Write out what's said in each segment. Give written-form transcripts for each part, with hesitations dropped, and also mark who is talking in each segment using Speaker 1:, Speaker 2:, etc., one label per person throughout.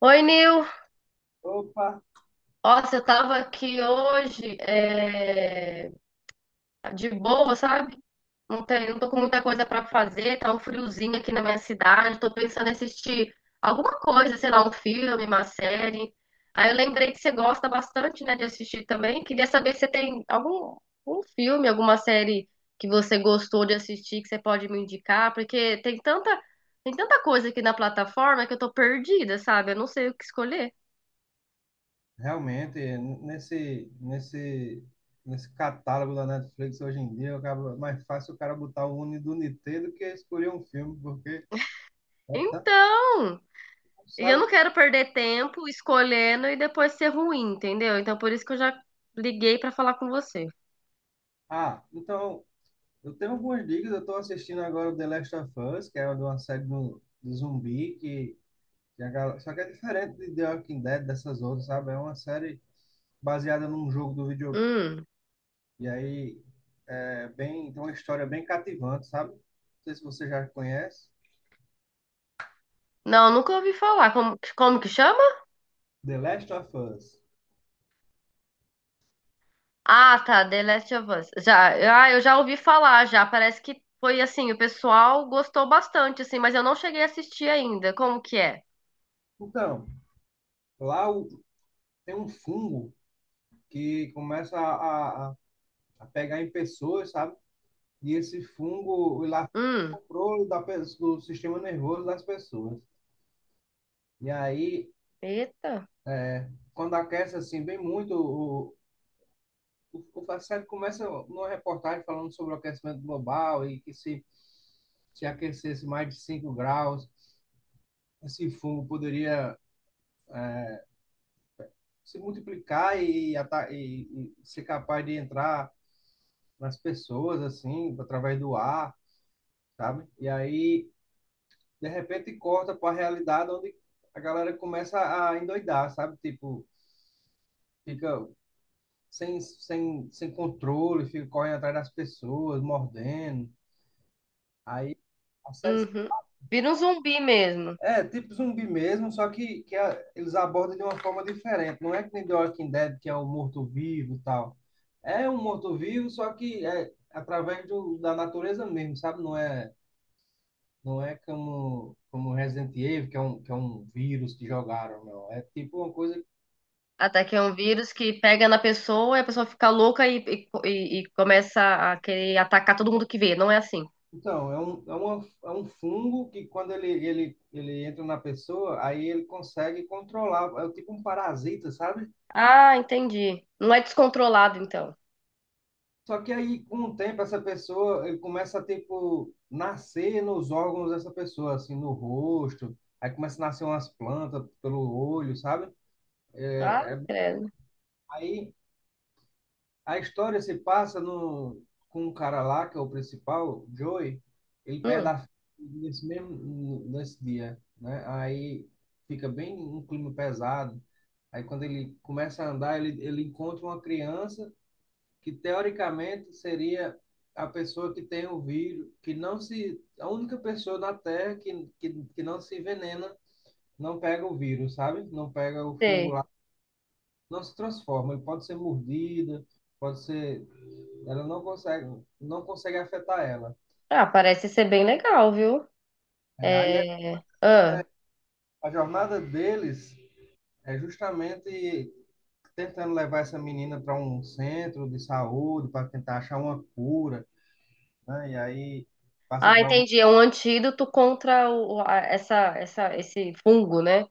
Speaker 1: Oi, Nil.
Speaker 2: Opa,
Speaker 1: Nossa, eu tava aqui hoje, de boa, sabe? Não tô com muita coisa pra fazer, tá um friozinho aqui na minha cidade. Tô pensando em assistir alguma coisa, sei lá, um filme, uma série. Aí eu lembrei que você gosta bastante, né, de assistir também. Queria saber se você tem algum filme, alguma série que você gostou de assistir, que você pode me indicar, porque tem tanta coisa aqui na plataforma que eu tô perdida, sabe? Eu não sei o que escolher.
Speaker 2: realmente, nesse catálogo da Netflix hoje em dia, é mais fácil o cara botar o Uni do Nitê do que escolher um filme, porque é tanto,
Speaker 1: Então. E eu
Speaker 2: sabe?
Speaker 1: não quero perder tempo escolhendo e depois ser ruim, entendeu? Então por isso que eu já liguei pra falar com você.
Speaker 2: Ah, então, eu tenho algumas dicas, eu estou assistindo agora o The Last of Us, que é uma série de zumbi, que a galera, só que é diferente de The Walking Dead, dessas outras, sabe? É uma série baseada num jogo do videogame,
Speaker 1: Hum.
Speaker 2: e aí é bem, tem uma história bem cativante, sabe? Não sei se você já conhece.
Speaker 1: Não, nunca ouvi falar. Como que chama?
Speaker 2: The Last of Us.
Speaker 1: Ah, tá, The Last of Us. Já, ah, eu já ouvi falar já. Parece que foi assim, o pessoal gostou bastante assim, mas eu não cheguei a assistir ainda. Como que é?
Speaker 2: Então, lá o- tem um fungo que começa a pegar em pessoas, sabe? E esse fungo ele afeta
Speaker 1: Hum.
Speaker 2: da do sistema nervoso das pessoas. E aí,
Speaker 1: Eita.
Speaker 2: quando aquece assim bem muito, o a começa numa reportagem falando sobre o aquecimento global e que se aquecesse mais de 5 graus, esse fungo poderia se multiplicar e ser capaz de entrar nas pessoas, assim, através do ar, sabe? E aí, de repente, corta para a realidade onde a galera começa a endoidar, sabe? Tipo, fica sem controle, fica correndo atrás das pessoas, mordendo. Aí, a série
Speaker 1: Uhum. Vira um zumbi mesmo.
Speaker 2: é tipo zumbi mesmo, só que a- eles abordam de uma forma diferente. Não é que nem The Walking Dead, que é o morto-vivo e tal. É um morto-vivo, só que é através da natureza mesmo, sabe? Não é como Resident Evil, que é um vírus que jogaram, não. É tipo uma coisa.
Speaker 1: Até que é um vírus que pega na pessoa e a pessoa fica louca e começa a querer atacar todo mundo que vê. Não é assim.
Speaker 2: Então, é um fungo que quando ele entra na pessoa, aí ele consegue controlar. É tipo um parasita, sabe?
Speaker 1: Ah, entendi. Não é descontrolado, então.
Speaker 2: Só que aí, com o tempo, essa pessoa, ele começa a, tipo, nascer nos órgãos dessa pessoa, assim, no rosto. Aí começa a nascer umas plantas pelo olho, sabe?
Speaker 1: Ah, credo.
Speaker 2: Aí a história se passa no, com um cara lá, que é o principal, Joey, ele perde
Speaker 1: Hum,
Speaker 2: a filha nesse dia, né? Aí fica bem um clima pesado. Aí quando ele começa a andar, ele encontra uma criança que teoricamente seria a pessoa que tem o vírus, que não se, a única pessoa na Terra que não se envenena, não pega o vírus, sabe? Não pega o fungo
Speaker 1: sei.
Speaker 2: lá, não se transforma. Ele pode ser mordida, pode ser ela não consegue, não consegue afetar ela.
Speaker 1: Ah, parece ser bem legal, viu?
Speaker 2: É, aí
Speaker 1: É... Ah.
Speaker 2: a jornada deles é justamente tentando levar essa menina para um centro de saúde, para tentar achar uma cura, né? E aí passa
Speaker 1: Ah,
Speaker 2: por algum
Speaker 1: entendi. É um antídoto contra essa, esse fungo, né?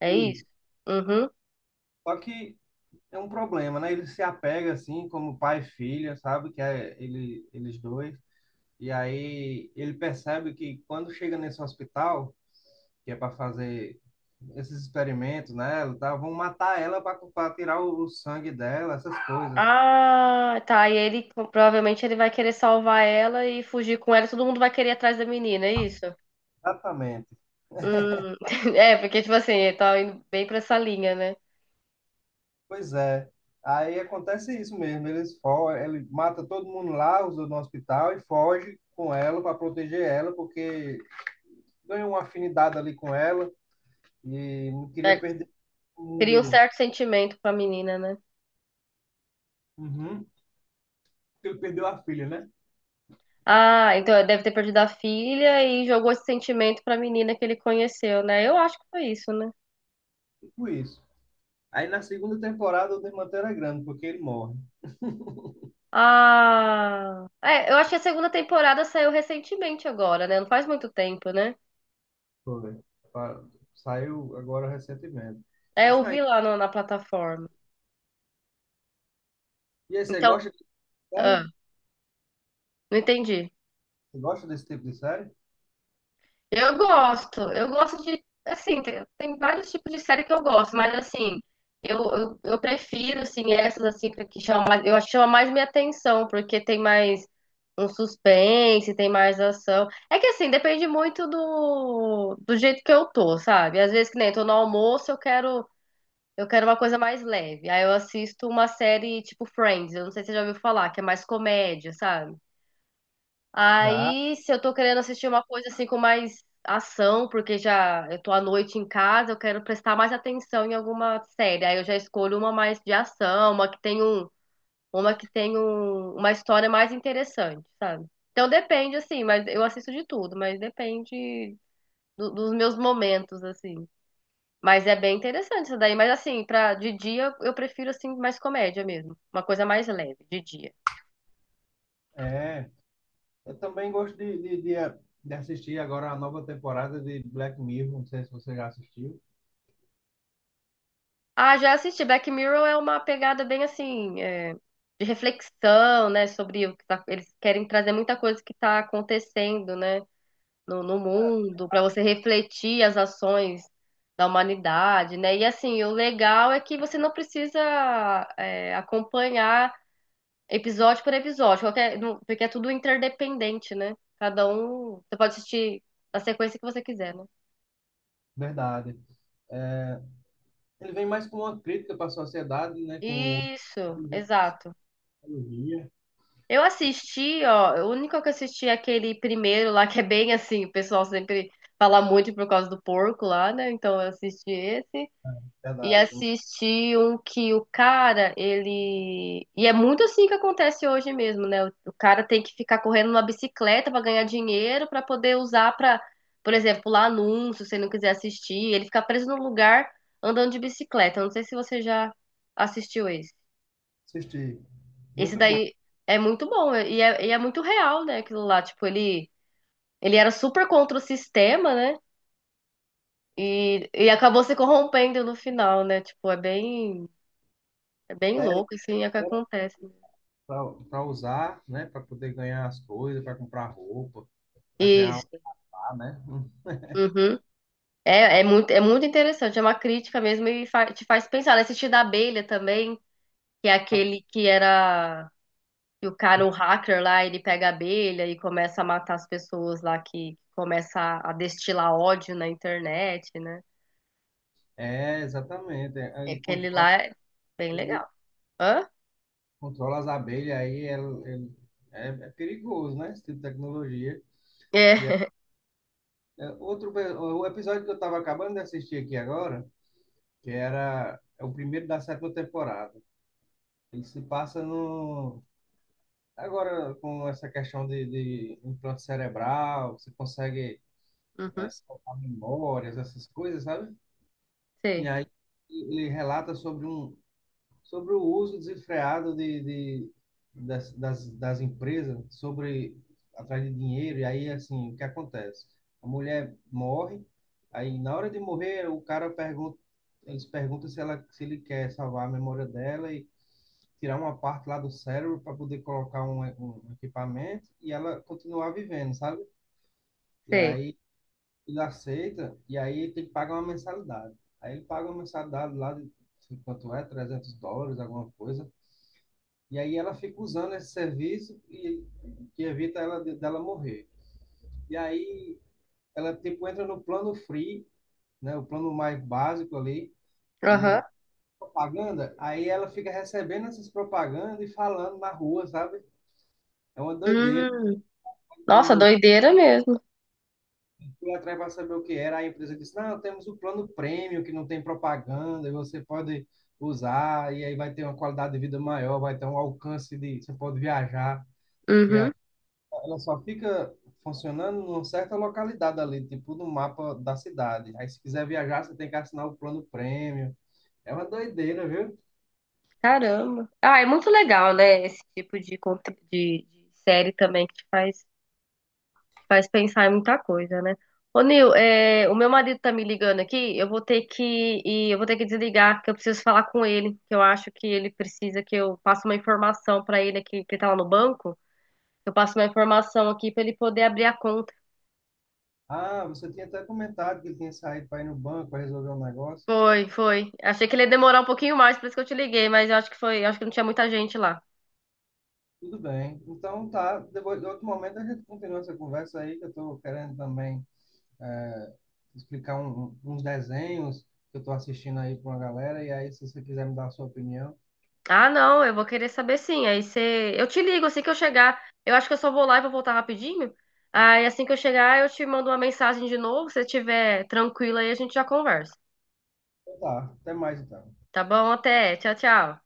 Speaker 1: É isso?
Speaker 2: isso.
Speaker 1: Uhum.
Speaker 2: Só que é um problema, né? Ele se apega assim, como pai e filha, sabe? Que é ele, eles dois. E aí ele percebe que quando chega nesse hospital, que é para fazer esses experimentos nela, tá? Vão matar ela para tirar o sangue dela, essas coisas.
Speaker 1: Ah, tá. E ele provavelmente ele vai querer salvar ela e fugir com ela. E todo mundo vai querer ir atrás da menina, é isso?
Speaker 2: Exatamente.
Speaker 1: Hum. É, porque, tipo assim, ele tá indo bem pra essa linha, né?
Speaker 2: Pois é. Aí acontece isso mesmo. Ele mata todo mundo lá, os do no hospital e foge com ela para proteger ela, porque ganhou uma afinidade ali com ela e não queria
Speaker 1: É,
Speaker 2: perder o
Speaker 1: cria um
Speaker 2: mundo.
Speaker 1: certo sentimento com a menina, né?
Speaker 2: Uhum. Porque ele perdeu a filha, né?
Speaker 1: Ah, então ele deve ter perdido a filha e jogou esse sentimento pra menina que ele conheceu, né? Eu acho que foi isso, né?
Speaker 2: Tipo isso. Aí na segunda temporada o desmanteiro é grande, porque ele morre.
Speaker 1: Ah, é, eu acho que a segunda temporada saiu recentemente agora, né? Não faz muito tempo, né?
Speaker 2: Foi. Pa- Saiu agora recentemente.
Speaker 1: É,
Speaker 2: Já
Speaker 1: eu vi
Speaker 2: saiu.
Speaker 1: lá no- na plataforma.
Speaker 2: E aí, você
Speaker 1: Então,
Speaker 2: gosta de
Speaker 1: ah,
Speaker 2: série?
Speaker 1: não entendi.
Speaker 2: Você gosta desse tipo de série?
Speaker 1: Eu gosto de, assim, tem vários tipos de série que eu gosto, mas assim, eu prefiro, assim, essas assim que chamam, mais- eu acho que chama mais minha atenção, porque tem mais um suspense, tem mais ação. É que assim, depende muito do jeito que eu tô, sabe? Às vezes que nem tô no almoço, eu quero uma coisa mais leve. Aí eu assisto uma série tipo Friends, eu não sei se você já ouviu falar, que é mais comédia, sabe?
Speaker 2: Já,
Speaker 1: Aí, se eu tô querendo assistir uma coisa assim com mais ação, porque já eu tô à noite em casa, eu quero prestar mais atenção em alguma série. Aí eu já escolho uma mais de ação, uma que tem um, uma história mais interessante, sabe? Então depende assim, mas eu assisto de tudo, mas depende do- dos meus momentos assim. Mas é bem interessante isso daí, mas assim, para de dia eu prefiro assim mais comédia mesmo, uma coisa mais leve de dia.
Speaker 2: é. Eu também gosto de assistir agora a nova temporada de Black Mirror. Não sei se você já assistiu.
Speaker 1: Ah, já assisti. Black Mirror é uma pegada bem assim, é, de reflexão, né, sobre o que tá, eles querem trazer muita coisa que está acontecendo, né, no mundo, para você refletir as ações da humanidade, né? E assim, o legal é que você não precisa é, acompanhar episódio por episódio, qualquer, não- porque é tudo interdependente, né? Cada um, você pode assistir na sequência que você quiser, né?
Speaker 2: Verdade. É, ele vem mais com uma crítica para a sociedade, né? Com o
Speaker 1: Isso,
Speaker 2: uso da
Speaker 1: exato.
Speaker 2: tecnologia.
Speaker 1: Eu assisti, ó, o único que eu assisti é aquele primeiro lá, que é bem assim, o pessoal sempre fala muito por causa do porco lá, né? Então eu assisti esse. E
Speaker 2: Verdade. Eu também
Speaker 1: assisti um que o cara, ele. E é muito assim que acontece hoje mesmo, né? O cara tem que ficar correndo numa bicicleta pra ganhar dinheiro, pra poder usar pra, por exemplo, lá anúncio, se ele não quiser assistir. Ele fica preso num lugar andando de bicicleta. Eu não sei se você já assistiu esse.
Speaker 2: assisti.
Speaker 1: Esse
Speaker 2: Muito bom.
Speaker 1: daí é muito bom e é muito real, né? Aquilo lá, tipo, ele era super contra o sistema, né? E acabou se corrompendo no final, né? Tipo, é bem
Speaker 2: É,
Speaker 1: louco, assim, é o que acontece, né.
Speaker 2: para usar, né? Para poder ganhar as coisas, para comprar roupa, para criar um
Speaker 1: Isso.
Speaker 2: lar, né? Hum.
Speaker 1: Uhum. É, é muito interessante, é uma crítica mesmo e fa- te faz pensar, né? Assistir da abelha também, que é aquele que era, que o cara, o hacker lá, ele pega a abelha e começa a matar as pessoas lá que começa a destilar ódio na internet, né?
Speaker 2: É, exatamente. É,
Speaker 1: É,
Speaker 2: ele
Speaker 1: aquele
Speaker 2: controla,
Speaker 1: lá é bem legal. Hã?
Speaker 2: controla as abelhas, é, é perigoso, né? Esse tipo de tecnologia. E é-
Speaker 1: É.
Speaker 2: é outro, o episódio que eu estava acabando de assistir aqui agora, que era é o primeiro da sétima temporada. Ele se passa no. Agora, com essa questão de implante cerebral, você consegue é,
Speaker 1: Uhum.
Speaker 2: salvar memórias, essas coisas, sabe? E
Speaker 1: Sei,
Speaker 2: aí ele relata sobre um, sobre o uso desenfreado das empresas sobre atrás de dinheiro e aí assim o que acontece? A mulher morre, aí na hora de morrer o cara pergunta, eles perguntam se ele quer salvar a memória dela e tirar uma parte lá do cérebro para poder colocar um equipamento e ela continuar vivendo, sabe? E
Speaker 1: sei.
Speaker 2: aí ele aceita e aí ele tem que pagar uma mensalidade. Aí ele paga uma mensalidade lá de quanto é, US$ 300, alguma coisa. E aí ela fica usando esse serviço e que evita ela dela morrer. E aí ela tipo entra no plano free, né, o plano mais básico ali
Speaker 1: Aham.
Speaker 2: e propaganda. Aí ela fica recebendo essas propagandas e falando na rua, sabe? É uma doideira.
Speaker 1: Hum. Nossa,
Speaker 2: Eu
Speaker 1: doideira mesmo.
Speaker 2: fui atrás para saber o que era. A empresa disse: Não, temos o plano premium que não tem propaganda e você pode usar. E aí vai ter uma qualidade de vida maior, vai ter um alcance de. Você pode viajar, que é
Speaker 1: Uhum.
Speaker 2: ela só fica funcionando numa certa localidade ali, tipo no mapa da cidade. Aí se quiser viajar, você tem que assinar o plano prêmio. É uma doideira, viu?
Speaker 1: Caramba. Ah, é muito legal, né? Esse tipo de, conte- de série também que te faz pensar em muita coisa, né? Ô, Nil, é, o meu marido tá me ligando aqui. Eu vou ter que desligar, que eu preciso falar com ele. Que eu acho que ele precisa que eu passe uma informação pra ele aqui, que ele tá lá no banco. Eu passo uma informação aqui pra ele poder abrir a conta.
Speaker 2: Ah, você tinha até comentado que ele tinha saído para ir no banco para resolver um negócio.
Speaker 1: Foi, foi. Achei que ele ia demorar um pouquinho mais, por isso que eu te liguei, mas eu acho que foi, eu acho que não tinha muita gente lá.
Speaker 2: Tudo bem. Então tá, depois, em outro momento a gente continua essa conversa aí, que eu estou querendo também é, explicar uns desenhos que eu estou assistindo aí para uma galera. E aí, se você quiser me dar a sua opinião,
Speaker 1: Ah, não, eu vou querer saber sim. Aí você, eu te ligo assim que eu chegar. Eu acho que eu só vou lá e vou voltar rapidinho. Aí assim que eu chegar, eu te mando uma mensagem de novo, se você estiver tranquila aí a gente já conversa.
Speaker 2: então tá. Até mais então.
Speaker 1: Tá bom? Até. Tchau, tchau.